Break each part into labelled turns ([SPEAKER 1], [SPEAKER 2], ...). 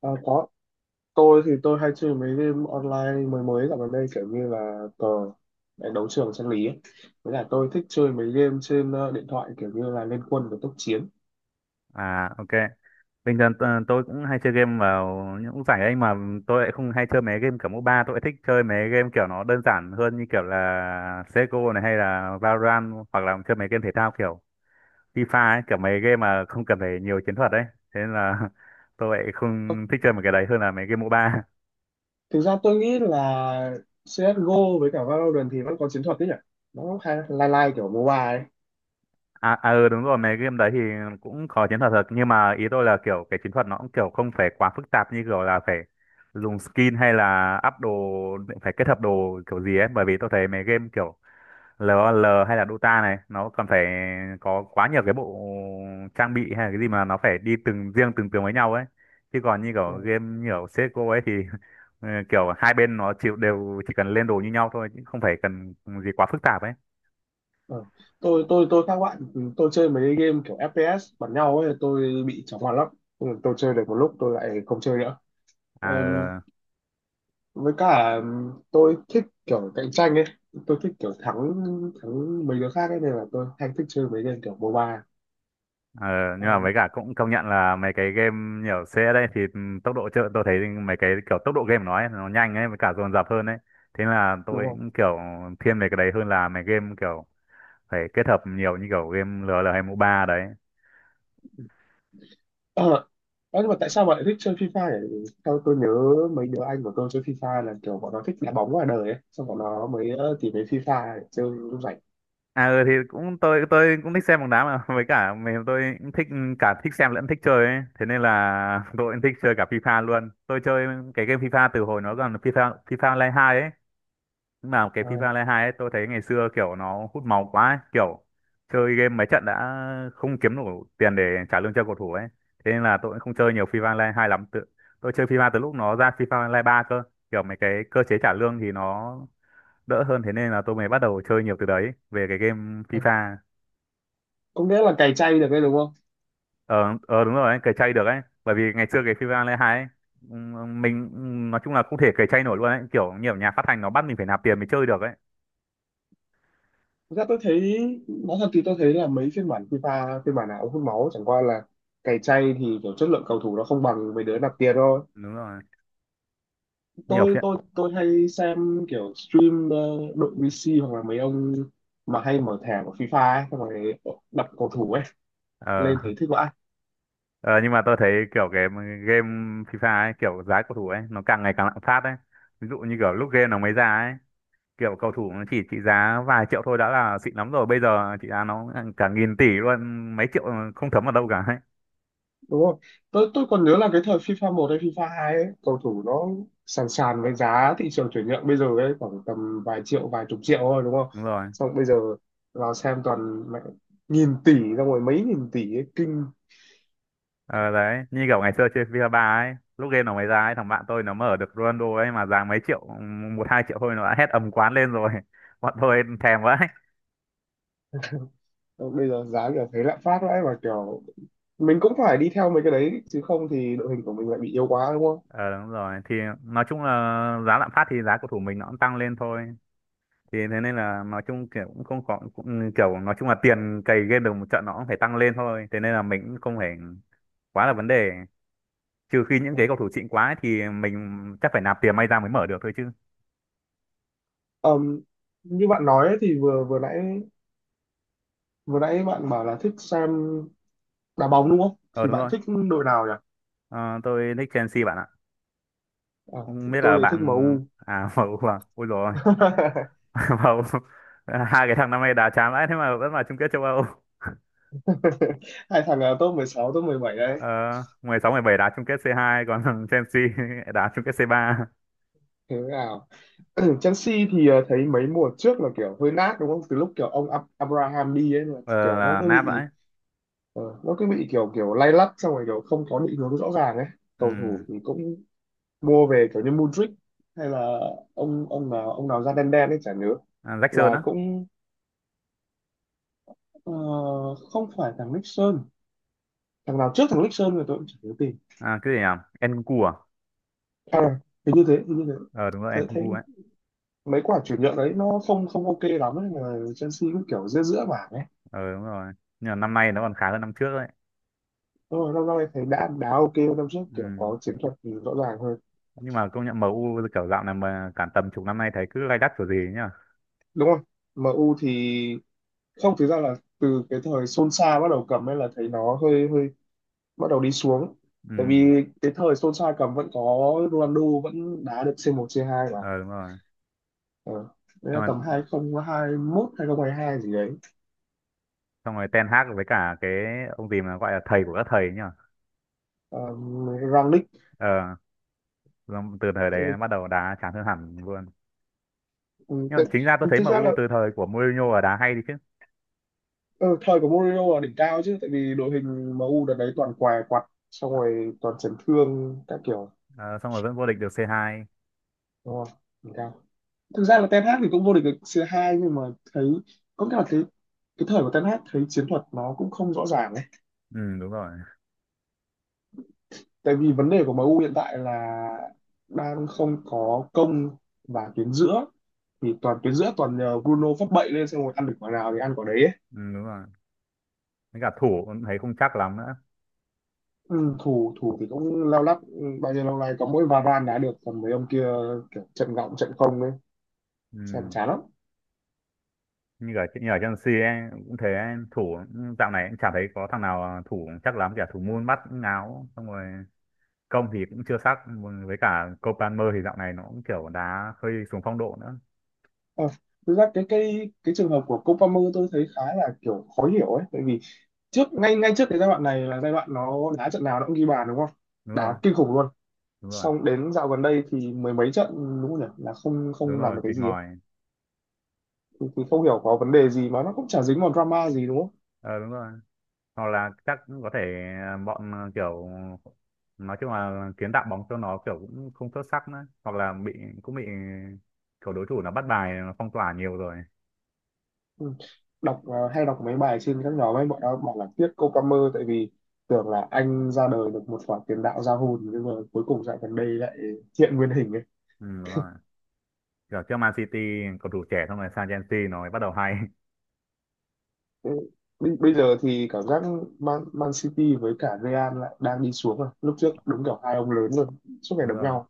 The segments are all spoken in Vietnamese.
[SPEAKER 1] À, có. Tôi thì tôi hay chơi mấy game online mới mới dạo gần đây kiểu như là cờ đánh đấu trường chân lý ấy. Với lại tôi thích chơi mấy game trên điện thoại kiểu như là Liên Quân và Tốc Chiến.
[SPEAKER 2] À, ok. Bình thường tôi cũng hay chơi game vào những giải ấy, mà tôi lại không hay chơi mấy game kiểu MOBA. Tôi lại thích chơi mấy game kiểu nó đơn giản hơn, như kiểu là CS:GO này hay là Valorant, hoặc là chơi mấy game thể thao kiểu FIFA ấy, kiểu mấy game mà không cần phải nhiều chiến thuật ấy. Thế nên là tôi lại
[SPEAKER 1] Ờ,
[SPEAKER 2] không thích chơi mấy cái đấy hơn là mấy game MOBA.
[SPEAKER 1] thực ra tôi nghĩ là CSGO với cả Valorant thì vẫn có chiến thuật đấy nhỉ, nó cũng hay lai lai kiểu mobile ấy.
[SPEAKER 2] Ừ, đúng rồi, mấy game đấy thì cũng có chiến thuật thật, nhưng mà ý tôi là kiểu cái chiến thuật nó cũng kiểu không phải quá phức tạp, như kiểu là phải dùng skin hay là up đồ, phải kết hợp đồ kiểu gì ấy, bởi vì tôi thấy mấy game kiểu lờ o lờ hay là Dota này nó còn phải có quá nhiều cái bộ trang bị hay là cái gì mà nó phải đi từng riêng từng tướng với nhau ấy, chứ còn như kiểu
[SPEAKER 1] Ừ.
[SPEAKER 2] game như kiểu CSGO ấy thì ừ, kiểu hai bên nó chịu đều, chỉ cần lên đồ như nhau thôi chứ không phải cần gì quá phức tạp ấy.
[SPEAKER 1] Ừ. Tôi khác bạn, tôi chơi mấy game kiểu FPS bắn nhau ấy tôi bị chóng mặt lắm. Ừ, tôi chơi được một lúc tôi lại không chơi nữa. Ừ,
[SPEAKER 2] À, ừ.
[SPEAKER 1] với cả tôi thích kiểu cạnh tranh ấy, tôi thích kiểu thắng, thắng mấy đứa khác ấy nên là tôi hay thích chơi mấy game kiểu MOBA.
[SPEAKER 2] Ờ, nhưng
[SPEAKER 1] Ờ,
[SPEAKER 2] mà với cả cũng công nhận là mấy cái game nhiều xe đây thì tốc độ chơi tôi thấy mấy cái kiểu tốc độ game của nó ấy, nó nhanh ấy, với cả dồn dập hơn ấy. Thế là
[SPEAKER 1] đúng
[SPEAKER 2] tôi
[SPEAKER 1] không?
[SPEAKER 2] cũng kiểu thiên về cái đấy hơn là mấy game kiểu phải kết hợp nhiều như kiểu game LOL hay MOBA đấy.
[SPEAKER 1] Ờ. Ơ, nhưng mà tại sao bạn lại thích chơi FIFA nhỉ? Sao tôi nhớ mấy đứa anh của tôi chơi FIFA là kiểu bọn nó thích đá bóng ngoài đời ấy, xong bọn nó mới tìm đến FIFA để chơi lúc rảnh.
[SPEAKER 2] À, ừ, thì cũng tôi cũng thích xem bóng đá mà với cả mình tôi cũng thích, cả thích xem lẫn thích chơi ấy. Thế nên là tôi cũng thích chơi cả FIFA luôn. Tôi chơi cái game FIFA từ hồi nó còn FIFA FIFA Online 2 ấy. Nhưng mà cái FIFA
[SPEAKER 1] À,
[SPEAKER 2] Online 2 ấy, tôi thấy ngày xưa kiểu nó hút máu quá ấy. Kiểu chơi game mấy trận đã không kiếm đủ tiền để trả lương cho cầu thủ ấy. Thế nên là tôi cũng không chơi nhiều FIFA Online 2 lắm. Tôi chơi FIFA từ lúc nó ra FIFA Online 3 cơ. Kiểu mấy cái cơ chế trả lương thì nó đỡ hơn. Thế nên là tôi mới bắt đầu chơi nhiều từ đấy về cái game
[SPEAKER 1] à.
[SPEAKER 2] FIFA.
[SPEAKER 1] Có nghĩa là cày chay được đấy đúng không?
[SPEAKER 2] Ờ, ờ, đúng rồi, ấy, cày chay được ấy. Bởi vì ngày xưa cái FIFA Online 2 ấy, mình nói chung là không thể cày chay nổi luôn ấy. Kiểu nhiều nhà phát hành nó bắt mình phải nạp tiền mới chơi được ấy.
[SPEAKER 1] Thực ra tôi thấy, nói thật thì tôi thấy là mấy phiên bản FIFA phiên bản nào cũng hút máu, chẳng qua là cày chay thì kiểu chất lượng cầu thủ nó không bằng mấy đứa nạp tiền thôi.
[SPEAKER 2] Đúng rồi, nhiều
[SPEAKER 1] tôi
[SPEAKER 2] phiện.
[SPEAKER 1] tôi tôi hay xem kiểu stream đội VC hoặc là mấy ông mà hay mở thẻ của FIFA ấy, xong rồi đặt cầu thủ ấy
[SPEAKER 2] Ờ.
[SPEAKER 1] lên thấy thích vãi.
[SPEAKER 2] Ờ, nhưng mà tôi thấy kiểu cái game FIFA ấy, kiểu giá cầu thủ ấy, nó càng ngày càng lạm phát ấy. Ví dụ như kiểu lúc game nó mới ra ấy, kiểu cầu thủ nó chỉ trị giá vài triệu thôi đã là xịn lắm rồi. Bây giờ trị giá nó cả nghìn tỷ luôn, mấy triệu không thấm vào đâu cả ấy.
[SPEAKER 1] Đúng không? Tôi còn nhớ là cái thời FIFA một hay FIFA 2 ấy cầu thủ nó sàn sàn với giá thị trường chuyển nhượng bây giờ ấy, khoảng tầm vài triệu vài chục triệu thôi đúng không?
[SPEAKER 2] Đúng rồi.
[SPEAKER 1] Xong bây giờ vào xem toàn mẹ nghìn tỷ, xong rồi mấy nghìn tỷ ấy, kinh.
[SPEAKER 2] Ờ, đấy, như kiểu ngày xưa chơi FIFA 3 ấy, lúc game nó mới ra ấy, thằng bạn tôi nó mở được Ronaldo ấy mà giá mấy triệu, một hai triệu thôi, nó đã hét ầm quán lên rồi. Bọn tôi thèm quá ấy.
[SPEAKER 1] Xong bây giờ giá kiểu thấy lạm phát vãi và kiểu mình cũng phải đi theo mấy cái đấy chứ không thì đội hình của mình lại bị yếu quá đúng không?
[SPEAKER 2] Ờ, đúng rồi, thì nói chung là giá lạm phát thì giá cầu thủ mình nó cũng tăng lên thôi, thì thế nên là nói chung kiểu cũng không có, cũng kiểu nói chung là tiền cày game được một trận nó cũng phải tăng lên thôi, thế nên là mình cũng không phải quá là vấn đề, trừ khi những cái cầu thủ xịn quá ấy thì mình chắc phải nạp tiền may ra mới mở được thôi chứ.
[SPEAKER 1] Ờm, Như bạn nói ấy, thì vừa vừa nãy bạn bảo là thích xem đá bóng đúng không?
[SPEAKER 2] Ờ,
[SPEAKER 1] Thì
[SPEAKER 2] đúng
[SPEAKER 1] bạn
[SPEAKER 2] rồi.
[SPEAKER 1] thích đội nào nhỉ?
[SPEAKER 2] Ờ, tôi thích Chelsea bạn ạ,
[SPEAKER 1] À,
[SPEAKER 2] không biết là
[SPEAKER 1] tôi thì thích
[SPEAKER 2] bạn.
[SPEAKER 1] MU.
[SPEAKER 2] À, MU à, ôi rồi. MU, hai cái thằng năm nay đá chán vãi thế mà vẫn vào chung kết châu Âu.
[SPEAKER 1] Hai thằng top 16, top 17 đấy.
[SPEAKER 2] Ờ, 16 bảy đá chung kết c hai, còn thằng Chelsea đá chung kết c ba.
[SPEAKER 1] Thế nào? Chelsea thì thấy mấy mùa trước là kiểu hơi nát đúng không? Từ lúc kiểu ông Abraham đi ấy là
[SPEAKER 2] Ờ,
[SPEAKER 1] kiểu
[SPEAKER 2] là nát vãi.
[SPEAKER 1] nó cứ bị kiểu kiểu lay lắt xong rồi kiểu không có định hướng rõ ràng ấy.
[SPEAKER 2] Ừ.
[SPEAKER 1] Cầu thủ thì cũng mua về kiểu như Mudryk hay là ông nào da đen đen ấy chả nhớ,
[SPEAKER 2] À, Jackson
[SPEAKER 1] là
[SPEAKER 2] á.
[SPEAKER 1] cũng ờ, không phải thằng Nixon, thằng nào trước thằng Nixon rồi tôi cũng chả nhớ tìm.
[SPEAKER 2] À, cái gì à? Enku à?
[SPEAKER 1] À, hình như thế, hình như thế.
[SPEAKER 2] Ờ, đúng rồi,
[SPEAKER 1] thấy
[SPEAKER 2] Enku
[SPEAKER 1] thấy
[SPEAKER 2] ấy.
[SPEAKER 1] mấy quả chuyển nhượng đấy nó không không ok lắm ấy mà Chelsea cũng kiểu giữa giữa bảng ấy.
[SPEAKER 2] Ờ, đúng rồi. Nhưng mà năm nay nó còn khá hơn năm trước đấy.
[SPEAKER 1] Đúng rồi, năm nay thấy đã đá ok hơn năm trước kiểu
[SPEAKER 2] Ừ.
[SPEAKER 1] có chiến thuật rõ ràng hơn
[SPEAKER 2] Nhưng mà công nhận MU kiểu dạo này mà cả tầm chục năm nay thấy cứ lay đắt kiểu gì ấy nhá.
[SPEAKER 1] đúng không? MU thì không, thực ra là từ cái thời Solskjaer bắt đầu cầm ấy là thấy nó hơi hơi bắt đầu đi xuống, tại
[SPEAKER 2] Ừ.
[SPEAKER 1] vì cái thời Solskjaer cầm vẫn có Ronaldo vẫn đá được C1 C2 mà.
[SPEAKER 2] Ờ, đúng rồi.
[SPEAKER 1] Ờ. Đấy là
[SPEAKER 2] Xong rồi,
[SPEAKER 1] tầm 2021 2022 gì đấy.
[SPEAKER 2] xong rồi Ten Hag với cả cái ông gì mà gọi là thầy của các thầy ấy nhá.
[SPEAKER 1] Rangnick.
[SPEAKER 2] Ờ, xong từ thời
[SPEAKER 1] Tại,
[SPEAKER 2] đấy bắt đầu đá chán hơn hẳn luôn. Nhưng mà
[SPEAKER 1] tại,
[SPEAKER 2] chính ra tôi thấy em
[SPEAKER 1] Thực ra
[SPEAKER 2] U
[SPEAKER 1] là
[SPEAKER 2] từ thời của Mourinho là đá hay đi chứ.
[SPEAKER 1] ờ, thời của Mourinho là đỉnh cao chứ, tại vì đội hình MU đợt đấy toàn què quặt xong rồi toàn chấn thương các kiểu,
[SPEAKER 2] Ờ, xong rồi vẫn vô địch được C2.
[SPEAKER 1] đúng không, đỉnh cao. Thực ra là Ten Hag thì cũng vô địch được C2 nhưng mà thấy có cả cái thời của Ten Hag thấy chiến thuật nó cũng không rõ ràng ấy.
[SPEAKER 2] Ừ, đúng rồi.
[SPEAKER 1] Tại vì vấn đề của MU hiện tại là đang không có công và tuyến giữa toàn nhờ Bruno phát bậy lên xem rồi ăn được quả nào thì ăn quả đấy ấy.
[SPEAKER 2] Ừ, đúng rồi. Với cả thủ cũng thấy không chắc lắm nữa.
[SPEAKER 1] Ừ, thủ thủ thì cũng lao lắc, ừ, bao nhiêu lâu nay có mỗi Varane đá được còn mấy ông kia kiểu trận gọng trận không ấy,
[SPEAKER 2] Ừ.
[SPEAKER 1] xem chán lắm.
[SPEAKER 2] Như ở Chelsea ấy cũng thế ấy, thủ dạo này cũng chả thấy có thằng nào, à, thủ chắc lắm, cả thủ môn bắt cũng ngáo, xong rồi công thì cũng chưa sắc, với cả copanmer thì dạo này nó cũng kiểu đá hơi xuống phong độ nữa.
[SPEAKER 1] Ờ, thực ra cái trường hợp của Cole Palmer tôi thấy khá là kiểu khó hiểu ấy, tại vì trước ngay ngay trước cái giai đoạn này là giai đoạn nó đá trận nào nó cũng ghi bàn đúng không?
[SPEAKER 2] Đúng rồi,
[SPEAKER 1] Đá kinh khủng luôn,
[SPEAKER 2] đúng rồi,
[SPEAKER 1] xong đến dạo gần đây thì mười mấy trận đúng không nhỉ, là không
[SPEAKER 2] đúng
[SPEAKER 1] không làm
[SPEAKER 2] rồi,
[SPEAKER 1] được cái
[SPEAKER 2] tịt
[SPEAKER 1] gì ấy.
[SPEAKER 2] ngòi.
[SPEAKER 1] Thì không hiểu có vấn đề gì mà nó cũng chả dính vào drama gì đúng không.
[SPEAKER 2] Ờ, đúng rồi, hoặc là chắc cũng có thể, à, kiểu nói chung là kiến tạo bóng cho nó kiểu cũng không xuất sắc nữa, hoặc là bị, cũng bị kiểu đối thủ nó bắt bài, nó phong tỏa nhiều rồi.
[SPEAKER 1] Ừ. Hay đọc mấy bài trên các nhóm ấy bọn nó bảo là tiếc cô Palmer, tại vì tưởng là anh ra đời được một khoản tiền đạo ra hồn nhưng mà cuối cùng dạo gần đây lại hiện nguyên hình ấy.
[SPEAKER 2] Ừ, đúng rồi, kiểu trước Man City cầu thủ trẻ, xong rồi sang Chelsea nó mới bắt đầu hay.
[SPEAKER 1] Ừ. Bây bây giờ thì cảm giác Man City với cả Real lại đang đi xuống rồi. Lúc trước đúng kiểu hai ông lớn luôn, suốt ngày
[SPEAKER 2] Đúng
[SPEAKER 1] đấm
[SPEAKER 2] rồi,
[SPEAKER 1] nhau.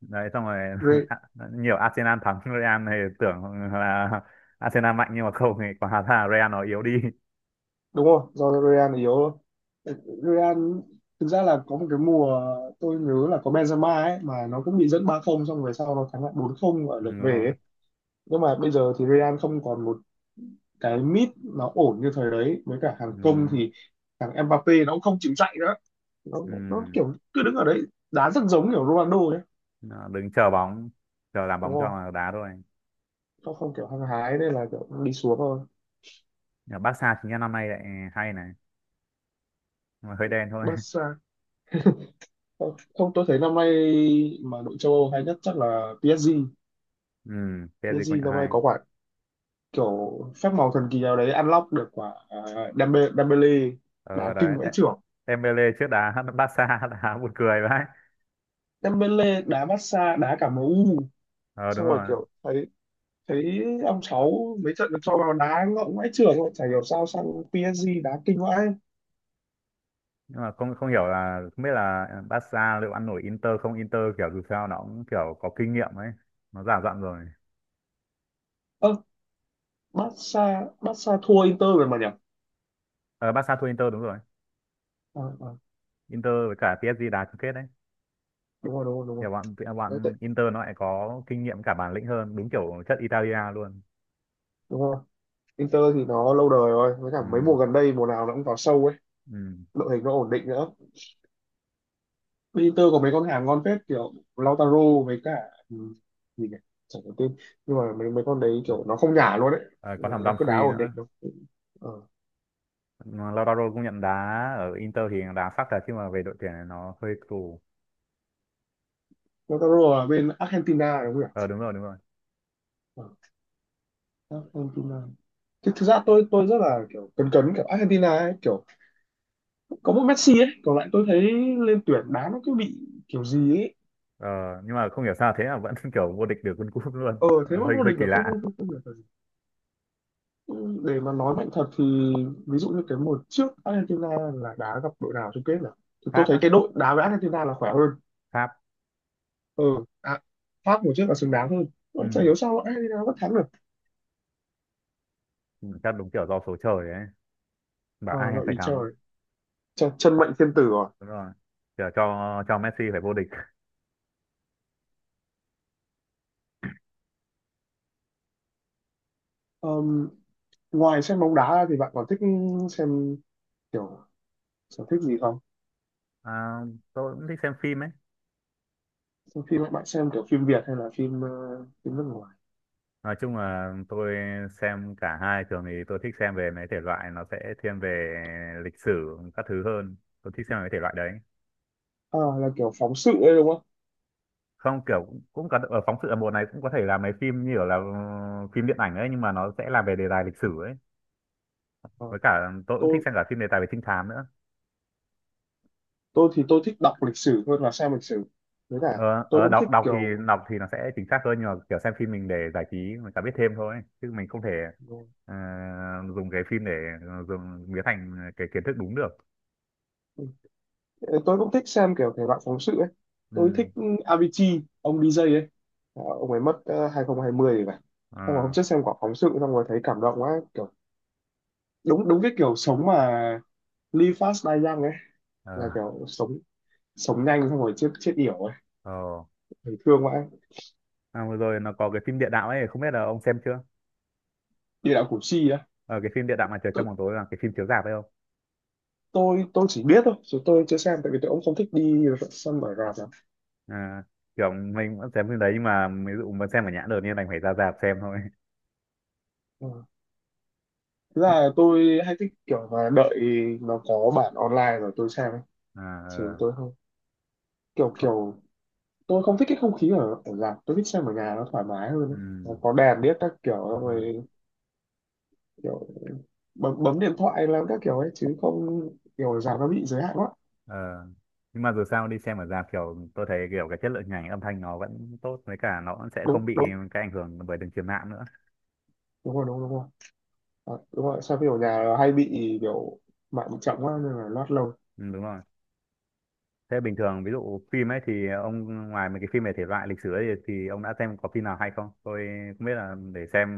[SPEAKER 2] đấy, xong rồi nhiều Arsenal thắng Real thì tưởng là Arsenal mạnh, nhưng mà không, thì quả ra là Real nó yếu đi.
[SPEAKER 1] Đúng rồi, do Real yếu thôi. Real thực ra là có một cái mùa, tôi nhớ là có Benzema ấy mà nó cũng bị dẫn 3-0 xong về sau nó thắng lại 4-0 ở
[SPEAKER 2] Ừ,
[SPEAKER 1] lượt
[SPEAKER 2] đúng
[SPEAKER 1] về
[SPEAKER 2] rồi,
[SPEAKER 1] ấy. Nhưng mà bây giờ thì Real không còn một cái mid nó ổn như thời đấy với cả hàng công
[SPEAKER 2] ừ,
[SPEAKER 1] thì thằng Mbappé nó cũng không chịu chạy nữa. nó,
[SPEAKER 2] ừ.
[SPEAKER 1] nó kiểu cứ đứng ở đấy đá rất giống kiểu Ronaldo ấy
[SPEAKER 2] Nó đứng chờ bóng, chờ làm
[SPEAKER 1] đúng
[SPEAKER 2] bóng cho
[SPEAKER 1] không?
[SPEAKER 2] mà đá thôi.
[SPEAKER 1] Nó không kiểu hăng hái nên là kiểu đi xuống thôi.
[SPEAKER 2] Ở Barca chính là năm nay lại hay này, nhưng mà hơi đen thôi.
[SPEAKER 1] Barca? Không, không, tôi thấy năm nay mà đội châu Âu hay nhất chắc là PSG
[SPEAKER 2] Ừ, PSG
[SPEAKER 1] PSG
[SPEAKER 2] công nhận
[SPEAKER 1] năm nay
[SPEAKER 2] hay.
[SPEAKER 1] có quả kiểu phép màu thần kỳ nào đấy unlock được quả Dembele
[SPEAKER 2] Ờ,
[SPEAKER 1] đá kinh
[SPEAKER 2] đấy,
[SPEAKER 1] vãi
[SPEAKER 2] đấy.
[SPEAKER 1] chưởng.
[SPEAKER 2] Dembele trước đá Barca đá buồn cười vậy.
[SPEAKER 1] Dembele đá Barca đá cả em u,
[SPEAKER 2] Ờ, đúng
[SPEAKER 1] xong rồi
[SPEAKER 2] rồi.
[SPEAKER 1] kiểu thấy thấy ông cháu mấy trận được cho vào đá ngọng vãi chưởng rồi chả hiểu sao sang PSG đá kinh vãi.
[SPEAKER 2] Nhưng mà không không hiểu là không biết là Barca liệu ăn nổi Inter không. Inter kiểu dù sao nó cũng kiểu có kinh nghiệm ấy, nó già dặn rồi.
[SPEAKER 1] Ơ, Barca Barca thua Inter rồi mà nhỉ.
[SPEAKER 2] Ờ, Barca thua Inter đúng rồi.
[SPEAKER 1] À, à,
[SPEAKER 2] Inter với cả PSG đá chung kết đấy.
[SPEAKER 1] đúng rồi, đúng rồi, đúng
[SPEAKER 2] Thì
[SPEAKER 1] rồi.
[SPEAKER 2] bọn
[SPEAKER 1] Đấy,
[SPEAKER 2] bọn Inter nó lại có kinh nghiệm, cả bản lĩnh hơn, đúng kiểu chất Italia luôn.
[SPEAKER 1] đúng rồi. Inter thì nó lâu đời rồi với cả mấy mùa
[SPEAKER 2] Ừ,
[SPEAKER 1] gần đây mùa nào nó cũng vào sâu ấy,
[SPEAKER 2] ừ.
[SPEAKER 1] đội hình nó ổn định nữa. Inter có mấy con hàng ngon phết kiểu Lautaro với cả, ừ, gì nhỉ, chẳng có tên, nhưng mà mấy mấy con đấy kiểu nó không nhả luôn đấy,
[SPEAKER 2] Ờ, có
[SPEAKER 1] là
[SPEAKER 2] thằng
[SPEAKER 1] nó cứ đá
[SPEAKER 2] Dumfries
[SPEAKER 1] ổn định
[SPEAKER 2] nữa.
[SPEAKER 1] đâu. Ờ.
[SPEAKER 2] Mà Lautaro cũng nhận đá ở Inter thì đá sắc thật, chứ mà về đội tuyển này nó hơi tù.
[SPEAKER 1] Lautaro là bên Argentina đúng không nhỉ?
[SPEAKER 2] Ờ, đúng rồi, đúng rồi.
[SPEAKER 1] Ờ. Argentina. Thực ra tôi rất là kiểu cấn cấn kiểu Argentina ấy, kiểu có một Messi ấy còn lại tôi thấy lên tuyển đá nó cứ bị kiểu gì ấy.
[SPEAKER 2] Ờ, nhưng mà không hiểu sao thế mà vẫn kiểu vô địch được World Cup luôn.
[SPEAKER 1] Ờ thế
[SPEAKER 2] Ờ,
[SPEAKER 1] mà
[SPEAKER 2] hơi
[SPEAKER 1] vô
[SPEAKER 2] hơi
[SPEAKER 1] địch
[SPEAKER 2] kỳ
[SPEAKER 1] được, không
[SPEAKER 2] lạ.
[SPEAKER 1] không không, không được. Để mà nói mạnh thật thì ví dụ như cái mùa trước Argentina là đá gặp đội nào chung kết nhỉ, thì tôi
[SPEAKER 2] Pháp
[SPEAKER 1] thấy
[SPEAKER 2] á.
[SPEAKER 1] cái đội đá với Argentina là khỏe hơn.
[SPEAKER 2] Pháp.
[SPEAKER 1] Ừ. À, Pháp mùa trước là xứng đáng hơn. Tôi chả
[SPEAKER 2] Ừ,
[SPEAKER 1] hiểu sao Argentina vẫn thắng được.
[SPEAKER 2] ừ, chắc đúng kiểu do số trời ấy, bảo
[SPEAKER 1] Ờ,
[SPEAKER 2] ai
[SPEAKER 1] do
[SPEAKER 2] phải
[SPEAKER 1] ý
[SPEAKER 2] thắng.
[SPEAKER 1] trời, chân mệnh thiên tử rồi.
[SPEAKER 2] Đúng rồi, kiểu cho Messi phải vô địch.
[SPEAKER 1] Ờm, Ngoài xem bóng đá ra thì bạn còn thích xem kiểu sở thích gì không?
[SPEAKER 2] À, tôi cũng thích xem phim ấy.
[SPEAKER 1] Xem phim bạn xem kiểu phim Việt hay là phim phim nước ngoài?
[SPEAKER 2] Nói chung là tôi xem cả hai. Thường thì tôi thích xem về mấy thể loại nó sẽ thiên về lịch sử các thứ hơn, tôi thích xem mấy thể loại đấy.
[SPEAKER 1] À, là kiểu phóng sự ấy đúng không?
[SPEAKER 2] Không, kiểu cũng có ở phóng sự, ở mùa này cũng có thể làm mấy phim như kiểu là phim điện ảnh ấy, nhưng mà nó sẽ là về đề tài lịch sử ấy.
[SPEAKER 1] Ờ,
[SPEAKER 2] Với cả tôi cũng thích
[SPEAKER 1] tôi
[SPEAKER 2] xem cả phim đề tài về trinh thám nữa.
[SPEAKER 1] tôi thích đọc lịch sử hơn là xem lịch sử. Với cả,
[SPEAKER 2] Ờ,
[SPEAKER 1] tôi
[SPEAKER 2] ờ,
[SPEAKER 1] cũng
[SPEAKER 2] đọc
[SPEAKER 1] thích kiểu
[SPEAKER 2] đọc thì nó sẽ chính xác hơn, nhưng mà kiểu xem phim mình để giải trí, mình cả biết thêm thôi, chứ mình không thể, ờ, dùng cái phim để dùng biến thành cái kiến thức đúng được.
[SPEAKER 1] tôi cũng thích xem kiểu thể loại phóng sự ấy. Tôi
[SPEAKER 2] Ừ.
[SPEAKER 1] thích Avicii ông DJ ấy. Ờ, ông ấy mất 2020 rồi phải, xong rồi hôm
[SPEAKER 2] Ờ,
[SPEAKER 1] trước xem quả phóng sự xong rồi thấy cảm động quá kiểu đúng đúng cái kiểu sống mà live fast die young ấy, là
[SPEAKER 2] ờ,
[SPEAKER 1] kiểu sống sống nhanh xong rồi chết chết yểu ấy.
[SPEAKER 2] ờ.
[SPEAKER 1] Thấy thương quá.
[SPEAKER 2] À, vừa rồi nó có cái phim địa đạo ấy, không biết là ông xem chưa.
[SPEAKER 1] Địa đạo Củ Chi á?
[SPEAKER 2] Ờ, cái phim địa đạo mà trời
[SPEAKER 1] tôi
[SPEAKER 2] trong bóng tối là cái phim chiếu rạp ấy không?
[SPEAKER 1] tôi tôi chỉ biết thôi chứ tôi chưa xem tại vì tôi cũng không thích đi xem ở rạp lắm.
[SPEAKER 2] À, kiểu mình vẫn xem phim đấy, nhưng mà ví dụ mà xem ở nhãn được nên đành phải ra rạp xem thôi.
[SPEAKER 1] Ờ. Thực là tôi hay thích kiểu là đợi nó có bản online rồi tôi xem ấy.
[SPEAKER 2] À,
[SPEAKER 1] Chứ
[SPEAKER 2] ờ.
[SPEAKER 1] tôi không kiểu
[SPEAKER 2] Không-
[SPEAKER 1] kiểu, tôi không thích cái không khí ở ở rạp, tôi thích xem ở nhà nó thoải mái hơn
[SPEAKER 2] ừ.
[SPEAKER 1] ấy. Nó có đèn biết các kiểu
[SPEAKER 2] Vâng.
[SPEAKER 1] rồi kiểu bấm bấm điện thoại làm các kiểu ấy chứ không kiểu ở rạp nó bị giới hạn quá.
[SPEAKER 2] Ờ. Nhưng mà dù sao đi xem ở rạp kiểu tôi thấy kiểu cái chất lượng hình ảnh âm thanh nó vẫn tốt, với cả nó vẫn sẽ không
[SPEAKER 1] Đúng,
[SPEAKER 2] bị
[SPEAKER 1] đúng,
[SPEAKER 2] cái ảnh hưởng bởi đường truyền mạng nữa.
[SPEAKER 1] đúng rồi, đúng rồi, đúng rồi. À, đúng rồi xem phim ở nhà là hay bị kiểu mạng bị chậm quá nên là lót lâu.
[SPEAKER 2] Ừ, đúng rồi. Thế bình thường ví dụ phim ấy thì ông, ngoài mấy cái phim về thể loại lịch sử ấy, thì ông đã xem có phim nào hay không? Tôi không biết, là để xem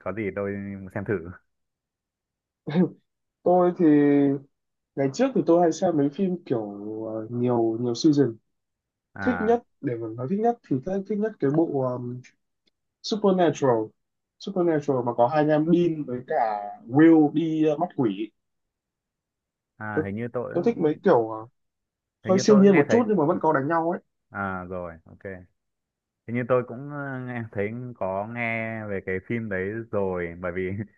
[SPEAKER 2] có gì tôi xem thử.
[SPEAKER 1] Tôi thì, ngày trước thì tôi hay xem mấy phim kiểu nhiều nhiều season. Thích
[SPEAKER 2] À,
[SPEAKER 1] nhất để mà nói thích nhất thì thích nhất cái bộ Supernatural Supernatural mà có hai anh em Dean với cả Will đi mắt quỷ. tôi,
[SPEAKER 2] hình như tôi
[SPEAKER 1] tôi thích mấy kiểu
[SPEAKER 2] hình
[SPEAKER 1] hơi
[SPEAKER 2] như
[SPEAKER 1] siêu
[SPEAKER 2] tôi
[SPEAKER 1] nhiên
[SPEAKER 2] nghe
[SPEAKER 1] một
[SPEAKER 2] thấy.
[SPEAKER 1] chút nhưng mà vẫn có đánh nhau ấy.
[SPEAKER 2] À rồi, ok. Hình như tôi cũng nghe thấy, có nghe về cái phim đấy rồi bởi vì.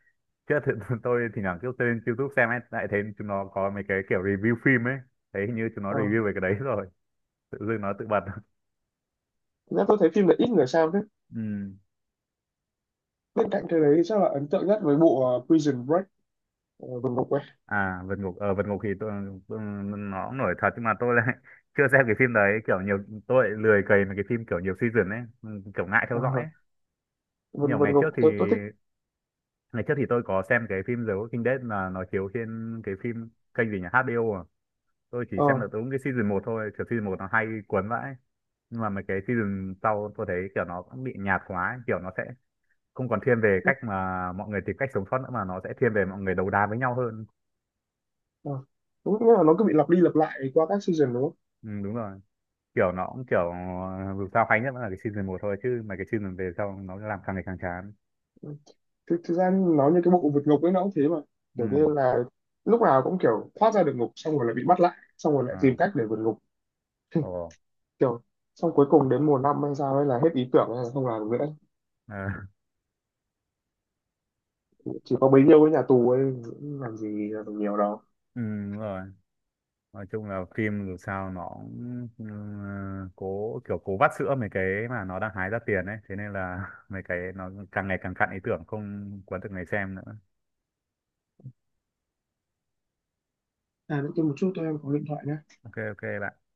[SPEAKER 2] Chứ thì, tôi thì thoảng cứ lên YouTube xem ấy, lại thấy chúng nó có mấy cái kiểu review phim ấy. Thấy hình như chúng nó
[SPEAKER 1] Ờ.
[SPEAKER 2] review về cái đấy rồi. Tự dưng nó tự bật.
[SPEAKER 1] Thế nên tôi thấy phim này ít người xem thế.
[SPEAKER 2] Ừ.
[SPEAKER 1] Bên cạnh cái đấy thì chắc là ấn tượng nhất với bộ Prison Break, vân ngục ấy.
[SPEAKER 2] À, Vượt Ngục, ở Vượt Ngục thì tôi, nó cũng nổi thật, nhưng mà tôi lại chưa xem cái phim đấy. Tôi lại lười cày mấy cái phim kiểu nhiều season ấy. Ừ, kiểu ngại theo dõi
[SPEAKER 1] Ờ,
[SPEAKER 2] ấy.
[SPEAKER 1] vân
[SPEAKER 2] Nhiều
[SPEAKER 1] vân ngục tôi thích.
[SPEAKER 2] ngày trước thì tôi có xem cái phim The Walking Dead, là nó chiếu trên cái phim kênh gì nhỉ? HBO à. Tôi chỉ
[SPEAKER 1] Ờ
[SPEAKER 2] xem được đúng cái season một thôi. Kiểu season một nó hay cuốn vãi. Nhưng mà mấy cái season sau tôi thấy kiểu nó cũng bị nhạt quá ấy. Kiểu nó sẽ không còn thiên về
[SPEAKER 1] nó-
[SPEAKER 2] cách mà mọi người tìm cách sống sót nữa, mà nó sẽ thiên về mọi người đấu đá với nhau hơn.
[SPEAKER 1] ờ. Đúng nghĩa là nó cứ bị lặp đi lặp lại qua các season đúng không?
[SPEAKER 2] Ừ, đúng rồi, kiểu nó cũng kiểu, dù sao hay nhất vẫn là cái season một thôi, chứ mấy cái season về sau nó làm càng ngày càng chán.
[SPEAKER 1] Ừ. Thực ra nó như cái bộ vượt ngục ấy nó cũng thế mà, kiểu như
[SPEAKER 2] Ừ.
[SPEAKER 1] là lúc nào cũng kiểu thoát ra được ngục xong rồi lại bị bắt lại xong rồi lại tìm
[SPEAKER 2] À.
[SPEAKER 1] cách để vượt ngục,
[SPEAKER 2] Ồ.
[SPEAKER 1] kiểu xong cuối cùng đến mùa năm hay sao ấy là hết ý tưởng hay là không làm được nữa,
[SPEAKER 2] À.
[SPEAKER 1] chỉ có bấy nhiêu cái nhà tù ấy làm gì làm được nhiều đâu.
[SPEAKER 2] Ừ, đúng rồi, nói chung là phim dù sao nó cũng, cố kiểu cố vắt sữa mấy cái mà nó đang hái ra tiền ấy, thế nên là mấy cái nó càng ngày càng cạn ý tưởng, không cuốn được người xem nữa.
[SPEAKER 1] À nữa kia một chút tôi em có điện thoại nhé.
[SPEAKER 2] Ok, ok bạn.